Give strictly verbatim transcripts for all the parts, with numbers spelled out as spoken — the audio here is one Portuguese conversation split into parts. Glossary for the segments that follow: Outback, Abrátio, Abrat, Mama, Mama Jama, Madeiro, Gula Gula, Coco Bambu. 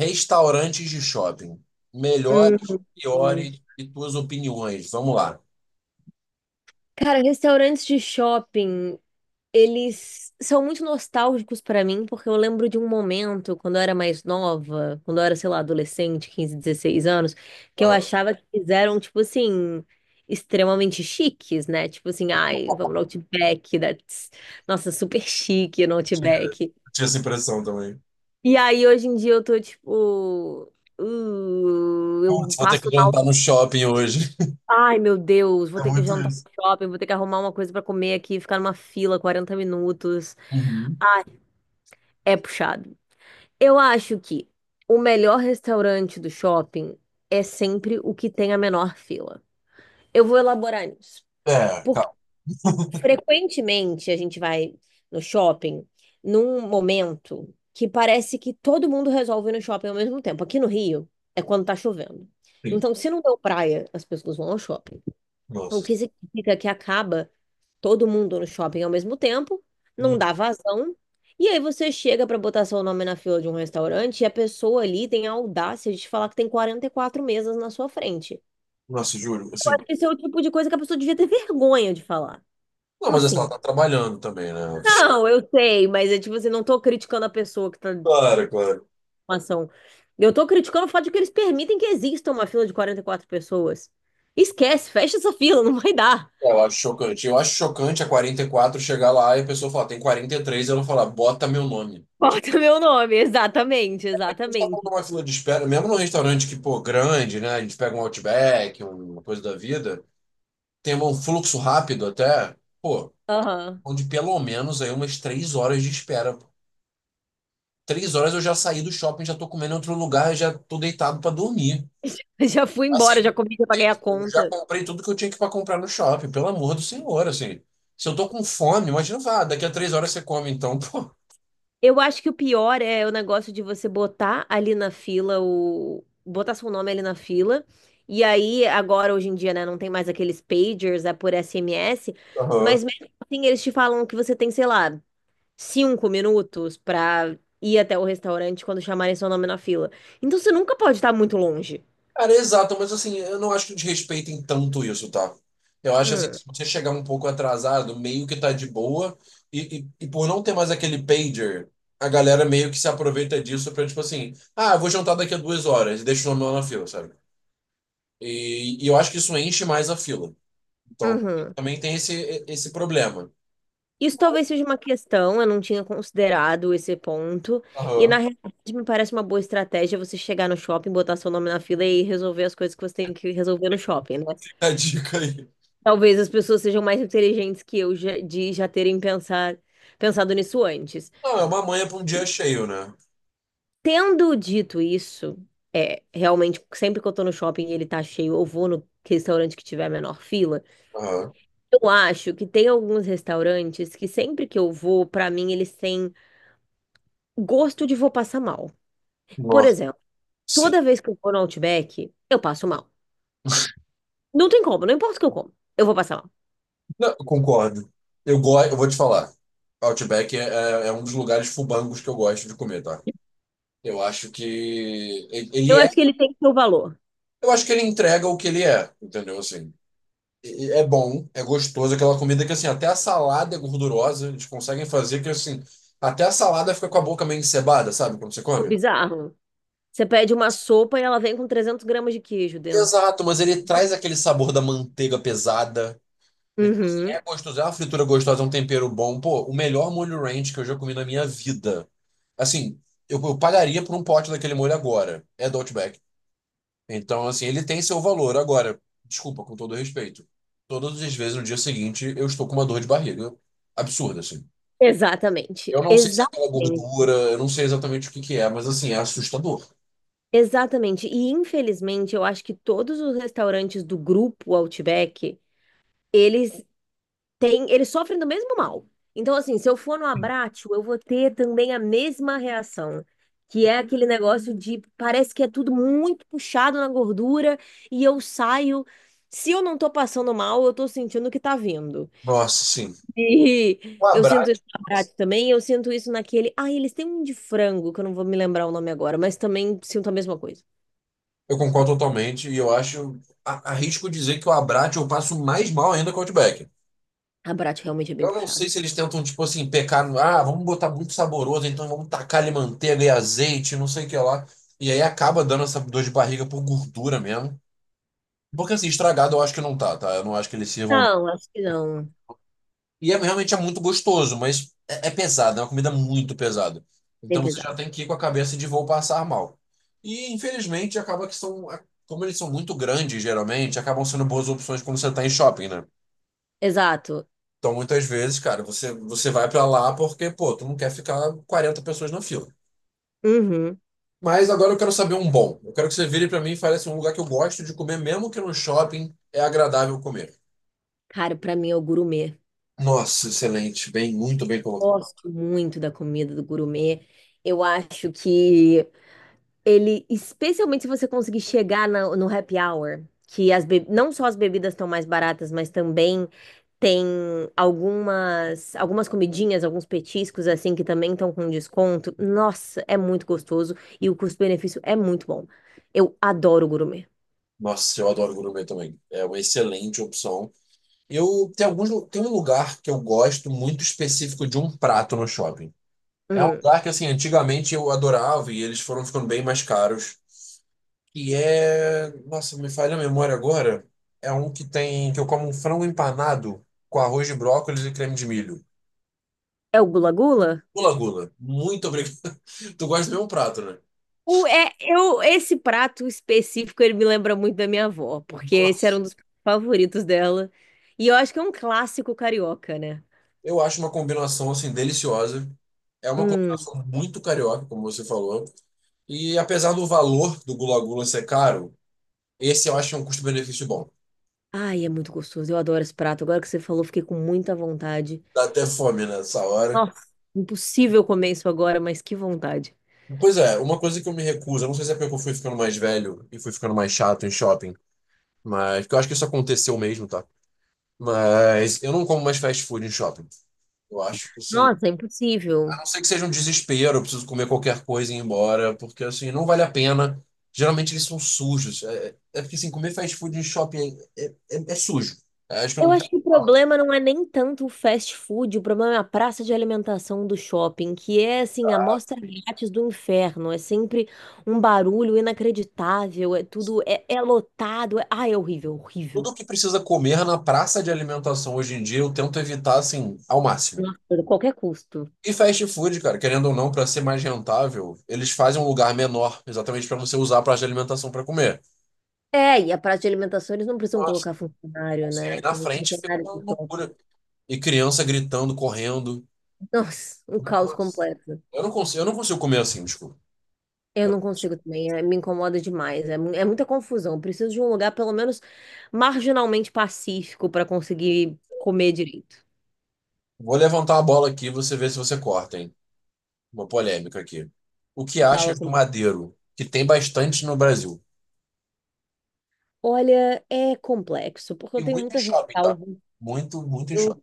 Restaurantes de shopping. Melhores, Uhum. piores e tuas opiniões. Vamos lá. Cara, restaurantes de shopping, eles são muito nostálgicos pra mim, porque eu lembro de um momento, quando eu era mais nova, quando eu era, sei lá, adolescente, quinze dezesseis anos, que eu Aham. Eu achava que fizeram, tipo assim, extremamente chiques, né? Tipo assim, ai, vamos no Outback, that's... nossa, super chique no Tinha, eu Outback. tinha essa impressão também. E aí, hoje em dia, eu tô, tipo, uh, Putz, eu vou ter que passo. jantar no shopping hoje. Ai, meu Deus, vou É ter que muito jantar isso. no shopping, vou ter que arrumar uma coisa pra comer aqui, ficar numa fila quarenta minutos. Uhum. É puxado. Eu acho que o melhor restaurante do shopping é sempre o que tem a menor fila. Eu vou elaborar nisso. É, Porque calma. frequentemente a gente vai no shopping num momento que parece que todo mundo resolve ir no shopping ao mesmo tempo. Aqui no Rio é quando tá chovendo. Sim. Então, se não deu praia, as pessoas vão ao shopping. O Nossa. que significa que acaba todo mundo no shopping ao mesmo tempo, não Hum. dá vazão. E aí você chega para botar seu nome na fila de um restaurante e a pessoa ali tem a audácia de te falar que tem quarenta e quatro mesas na sua frente. Nossa, juro. Assim. Acho que esse é o tipo de coisa que a pessoa devia ter vergonha de falar. Não, Como mas assim, ela assim? tá trabalhando também, né? Não, eu sei, mas é tipo assim, não tô criticando a pessoa que tá na Claro, claro. ação. Eu tô criticando o fato de que eles permitem que exista uma fila de quarenta e quatro pessoas. Esquece, fecha essa fila, não vai dar. Eu acho chocante. Eu acho chocante a quarenta e quatro chegar lá e a pessoa falar, tem quarenta e três, e três, e ela falar, bota meu nome. Bota meu nome, exatamente, A gente tá falando de exatamente. uma fila de espera, mesmo num restaurante que, pô, grande, né? A gente pega um Outback, um uma coisa da vida, tem um fluxo rápido até, pô, Aham. onde pelo menos aí umas três horas de espera. Pô. Três horas eu já saí do shopping, já tô comendo em outro lugar, já tô deitado pra dormir. Já fui embora, Assim, já comi, já paguei a eu já conta. comprei tudo que eu tinha que para comprar no shopping, pelo amor do senhor, assim. Se eu tô com fome, imagina, vá, daqui a três horas você come, então, pô. Eu acho que o pior é o negócio de você botar ali na fila o. Botar seu nome ali na fila. E aí, agora, hoje em dia, né, não tem mais aqueles pagers, é por S M S. Aham. Mas mesmo assim, eles te falam que você tem, sei lá, cinco minutos pra ir até o restaurante quando chamarem seu nome na fila. Então você nunca pode estar muito longe. Cara, exato, mas assim, eu não acho que desrespeitem tanto isso, tá? Eu acho assim, Hum, se você chegar um pouco atrasado, meio que tá de boa, e, e, e por não ter mais aquele pager, a galera meio que se aproveita disso pra, tipo assim, ah, eu vou jantar daqui a duas horas, e deixa o nome lá na fila, sabe? E, e eu acho que isso enche mais a fila. Então, uhum. também tem esse, esse problema. Isso talvez seja uma questão, eu não tinha considerado esse ponto. E na Aham. realidade me parece uma boa estratégia você chegar no shopping, botar seu nome na fila e resolver as coisas que você tem que resolver no shopping, né? Fica a dica aí. Talvez as pessoas sejam mais inteligentes que eu já- de já terem pensar, pensado nisso antes. Não, é uma manha pra um dia cheio, né? Tendo dito isso, é, realmente, sempre que eu tô no shopping e ele tá cheio, eu vou no restaurante que tiver a menor fila. Aham. Eu acho que tem alguns restaurantes que sempre que eu vou, pra mim, eles têm gosto de vou passar mal. Por Nossa. exemplo, toda vez que eu vou no Outback, eu passo mal. Não tem como, não importa o que eu como, eu vou passar mal. Não, eu concordo. Eu gosto, eu vou te falar. Outback é, é- é um dos lugares fubangos que eu gosto de comer, tá? Eu acho que ele Eu ele é, acho que ele tem seu valor. eu acho que ele entrega o que ele é, entendeu? Assim, E- e é bom, é gostoso, aquela comida que assim, até a salada é gordurosa, eles conseguem fazer que assim, até a salada fica com a boca meio encebada, sabe, quando você É come? bizarro. Você pede uma sopa e ela vem com trezentos gramas de queijo dentro. Exato, mas ele traz aquele sabor da manteiga pesada. Então, assim, Uhum. é gostoso, é uma fritura gostosa, é um tempero bom. Pô, o melhor molho ranch que eu já comi na minha vida. Assim, eu, eu pagaria por um pote daquele molho agora. É do Outback. Então, assim, ele tem seu valor. Agora, desculpa, com todo respeito. Todas as vezes no dia seguinte eu estou com uma dor de barriga absurda, assim. Exatamente, Eu não sei se é pela exatamente, gordura, eu não sei exatamente o que que é, mas assim, é assustador. exatamente. E infelizmente, eu acho que todos os restaurantes do grupo Outback, eles tem, eles sofrem do mesmo mal. Então, assim, se eu for no Abrátio, eu vou ter também a mesma reação, que é aquele negócio de parece que é tudo muito puxado na gordura e eu saio. Se eu não tô passando mal, eu tô sentindo que tá vindo. Nossa, sim. O E eu sinto isso Abrat, no Abrátio também, eu sinto isso naquele. Ah, eles têm um de frango, que eu não vou me lembrar o nome agora, mas também sinto a mesma coisa. eu concordo totalmente e eu acho, a- arrisco dizer que o Abrat eu passo mais mal ainda que o Outback. Abrátio realmente é bem Eu não puxado. sei se eles tentam, tipo assim, pecar no. Ah, vamos botar muito saboroso, então vamos tacar ali manteiga e azeite, não sei o que lá. E aí acaba dando essa dor de barriga por gordura mesmo. Porque assim, estragado eu acho que não tá, tá? Eu não acho que eles sirvam, não. Não, acho que não. E é, realmente é muito gostoso, mas é, é pesado, é uma comida muito pesada. Bem Então você já pesado. tem que ir com a cabeça de vou passar mal. E infelizmente acaba que são. Como eles são muito grandes, geralmente, acabam sendo boas opções quando você tá em shopping, né? Exato. Então, muitas vezes, cara, você, você vai pra lá porque, pô, tu não quer ficar quarenta pessoas na fila. Uhum. Mas agora eu quero saber um bom. Eu quero que você vire pra mim e fale assim, um lugar que eu gosto de comer, mesmo que no shopping, é agradável comer. Cara, pra mim é o gourmet. Nossa, excelente. Bem, muito bem colocado. Gosto muito da comida do gourmet. Eu acho que ele, especialmente se você conseguir chegar na- no happy hour, que as be- não só as bebidas estão mais baratas, mas também tem algumas algumas comidinhas, alguns petiscos assim que também estão com desconto. Nossa, é muito gostoso e o custo-benefício é muito bom. Eu adoro gourmet. Nossa, eu adoro gourmet também. É uma excelente opção. Eu tem alguns lu- tem um lugar que eu gosto muito específico de um prato no shopping. É um Hum. lugar que assim, antigamente eu adorava e eles foram ficando bem mais caros. E é. Nossa, me falha a memória agora. É um que tem. Que eu como um frango empanado com arroz de brócolis e creme de milho. É o Gula Gula? Gula Gula. Muito obrigado. Tu gosta do mesmo prato, né? O, é, eu, esse prato específico, ele me lembra muito da minha avó, porque esse era um Nossa. dos favoritos dela. E eu acho que é um clássico carioca, né? Eu acho uma combinação, assim, deliciosa. É uma Hum. combinação muito carioca, como você falou. E apesar do valor do Gula Gula ser caro, esse eu acho um custo-benefício bom. Ai, é muito gostoso. Eu adoro esse prato. Agora que você falou, fiquei com muita vontade. Dá até fome nessa hora. Nossa, impossível comer isso agora, mas que vontade. Pois é, uma coisa que eu me recuso, eu não sei se é porque eu fui ficando mais velho e fui ficando mais chato em shopping. Mas, porque eu acho que isso aconteceu mesmo, tá? Mas eu não como mais fast food em shopping. Eu acho que, assim, Nossa, é a impossível. não ser que seja um desespero, eu preciso comer qualquer coisa e ir embora, porque, assim, não vale a pena. Geralmente eles são sujos. É, é porque, assim, comer fast food em shopping é, é, é é sujo. É, acho que eu Eu não tenho acho o que o que falar. problema não é nem tanto o fast food, o problema é a praça de alimentação do shopping, que é assim, a mostra grátis do inferno. É sempre um barulho inacreditável, é tudo, é, é lotado. É... Ah, é horrível, horrível. Tudo que precisa comer na praça de alimentação hoje em dia, eu tento evitar, assim, ao máximo. Nossa, a qualquer custo. E fast food, cara, querendo ou não, para ser mais rentável, eles fazem um lugar menor, exatamente para você usar a praça de alimentação para comer. É, e a praça de alimentação eles não precisam colocar funcionário, Assim, aí né? na Tem o frente fica funcionário uma do shopping. loucura. E criança gritando, correndo. Nossa, um caos Nossa. completo. Eu não consigo, eu não consigo comer assim, desculpa. Eu não consigo também, é- me incomoda demais. É, mu- é muita confusão. Eu preciso de um lugar, pelo menos, marginalmente pacífico para conseguir comer direito. Vou levantar a bola aqui e você vê se você corta, hein? Uma polêmica aqui. O que Fala achas do comigo. Madeiro? Que tem bastante no Brasil. Olha, é complexo, porque E eu tenho muito em muitas shopping, tá? ressalvas. Muito, muito em Eu shopping.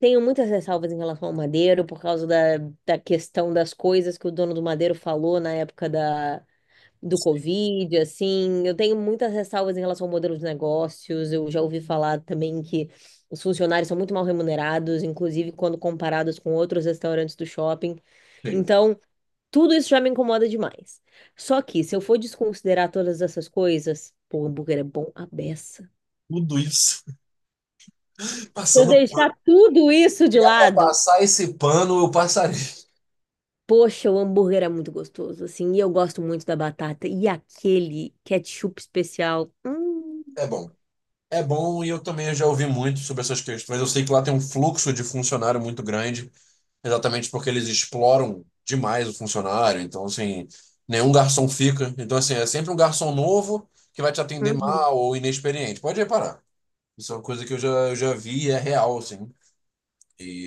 tenho muitas ressalvas em relação ao Madeiro, por causa da, da questão das coisas que o dono do Madeiro falou na época da do Covid, assim, eu tenho muitas ressalvas em relação ao modelo de negócios. Eu já ouvi falar também que os funcionários são muito mal remunerados, inclusive quando comparados com outros restaurantes do shopping. Feio. Então, tudo isso já me incomoda demais. Só que, se eu for desconsiderar todas essas coisas, pô, o hambúrguer é bom à beça. Tudo isso Se eu passando deixar pano. tudo isso de Se é pra lado, passar esse pano, eu passarei. poxa, o hambúrguer é muito gostoso, assim, e eu gosto muito da batata. E aquele ketchup especial. Hum, É bom. É bom e eu também já ouvi muito sobre essas questões. Eu sei que lá tem um fluxo de funcionário muito grande. Exatamente porque eles exploram demais o funcionário. Então, assim, nenhum garçom fica. Então, assim, é sempre um garçom novo que vai te atender uhum. mal ou inexperiente. Pode reparar. Isso é uma coisa que eu já, eu já vi e é real, assim.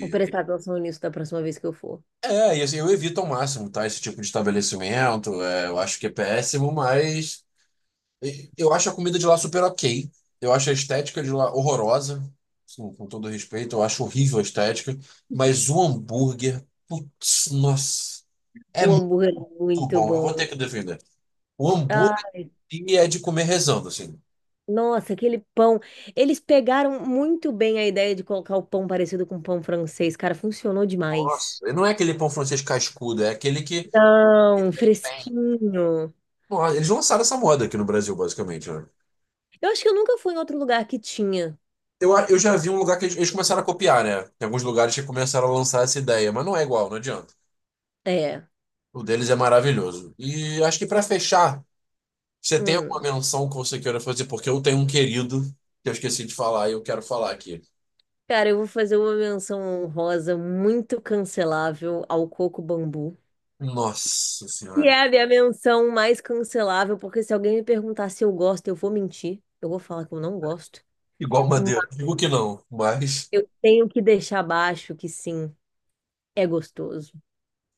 Vou prestar atenção nisso da próxima vez que eu for. é, e assim, eu evito ao máximo, tá? Esse tipo de estabelecimento. É, eu acho que é péssimo, mas e- eu acho a comida de lá super ok. Eu acho a estética de lá horrorosa. Assim, com todo respeito, eu acho horrível a estética. Mas o hambúrguer, putz, nossa. É O muito hambúrguer é muito bom, eu vou ter bom. que defender. O Ah, hambúrguer em si é de comer rezando, assim. nossa, aquele pão. Eles pegaram muito bem a ideia de colocar o pão parecido com pão francês. Cara, funcionou demais. Nossa, não é aquele pão francês cascudo, é aquele que. Não, fresquinho. Nossa, eles lançaram essa moda aqui no Brasil, basicamente, né? Eu acho que eu nunca fui em outro lugar que tinha. Eu, eu já vi um lugar que eles, eles começaram a copiar, né? Tem alguns lugares que começaram a lançar essa ideia, mas não é igual, não adianta. É. O deles é maravilhoso. E acho que pra fechar, você tem alguma Hum. menção que você queira fazer? Porque eu tenho um querido que eu esqueci de falar e eu quero falar aqui. Cara, eu vou fazer uma menção honrosa muito cancelável ao coco bambu. Nossa E Senhora. é a minha menção mais cancelável, porque se alguém me perguntar se eu gosto, eu vou mentir. Eu vou falar que eu não gosto. Igual madeira. Digo que não, mas. Eu tenho que deixar baixo que sim, é gostoso.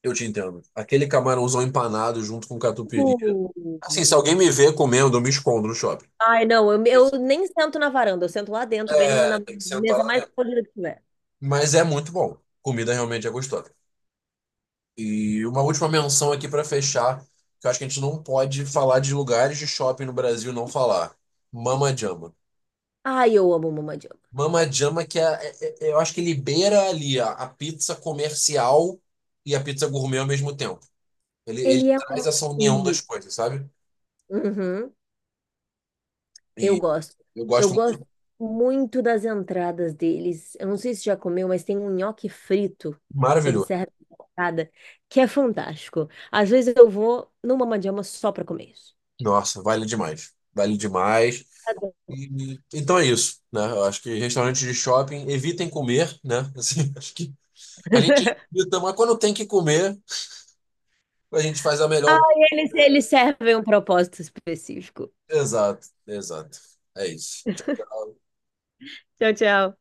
Eu te entendo. Aquele camarãozão empanado junto com catupiry. Uh. Assim, se alguém me vê comendo, eu me escondo no shopping. Ai, não, eu, Isso. eu nem sento na varanda, eu sento lá dentro, bem numa, na É, tem que sentar mesa lá mais dentro. polida que tiver. Mas é muito bom. Comida realmente é gostosa. E uma última menção aqui para fechar, que eu acho que a gente não pode falar de lugares de shopping no Brasil e não falar. Mama Jama. Ai, eu amo o Mama. Mama Jama que é, é- é- é, eu acho que ele beira ali a, a pizza comercial e a pizza gourmet ao mesmo tempo. Ele, ele Ele é um traz essa união das filme. coisas, sabe? Uhum, eu E gosto. eu Eu gosto muito. gosto muito das entradas deles. Eu não sei se já comeu, mas tem um nhoque frito que ele Maravilhoso. serve na entrada, que é fantástico. Às vezes eu vou no Mama só pra comer isso. Nossa, vale demais. Vale demais. Adoro. E- então é isso, né? Eu acho que restaurantes de shopping evitem comer, né? Assim, acho que a gente evita, mas quando tem que comer, a gente faz a melhor. Ai, Eles, eles servem um propósito específico. Exato, exato. É isso. Tchau, tchau.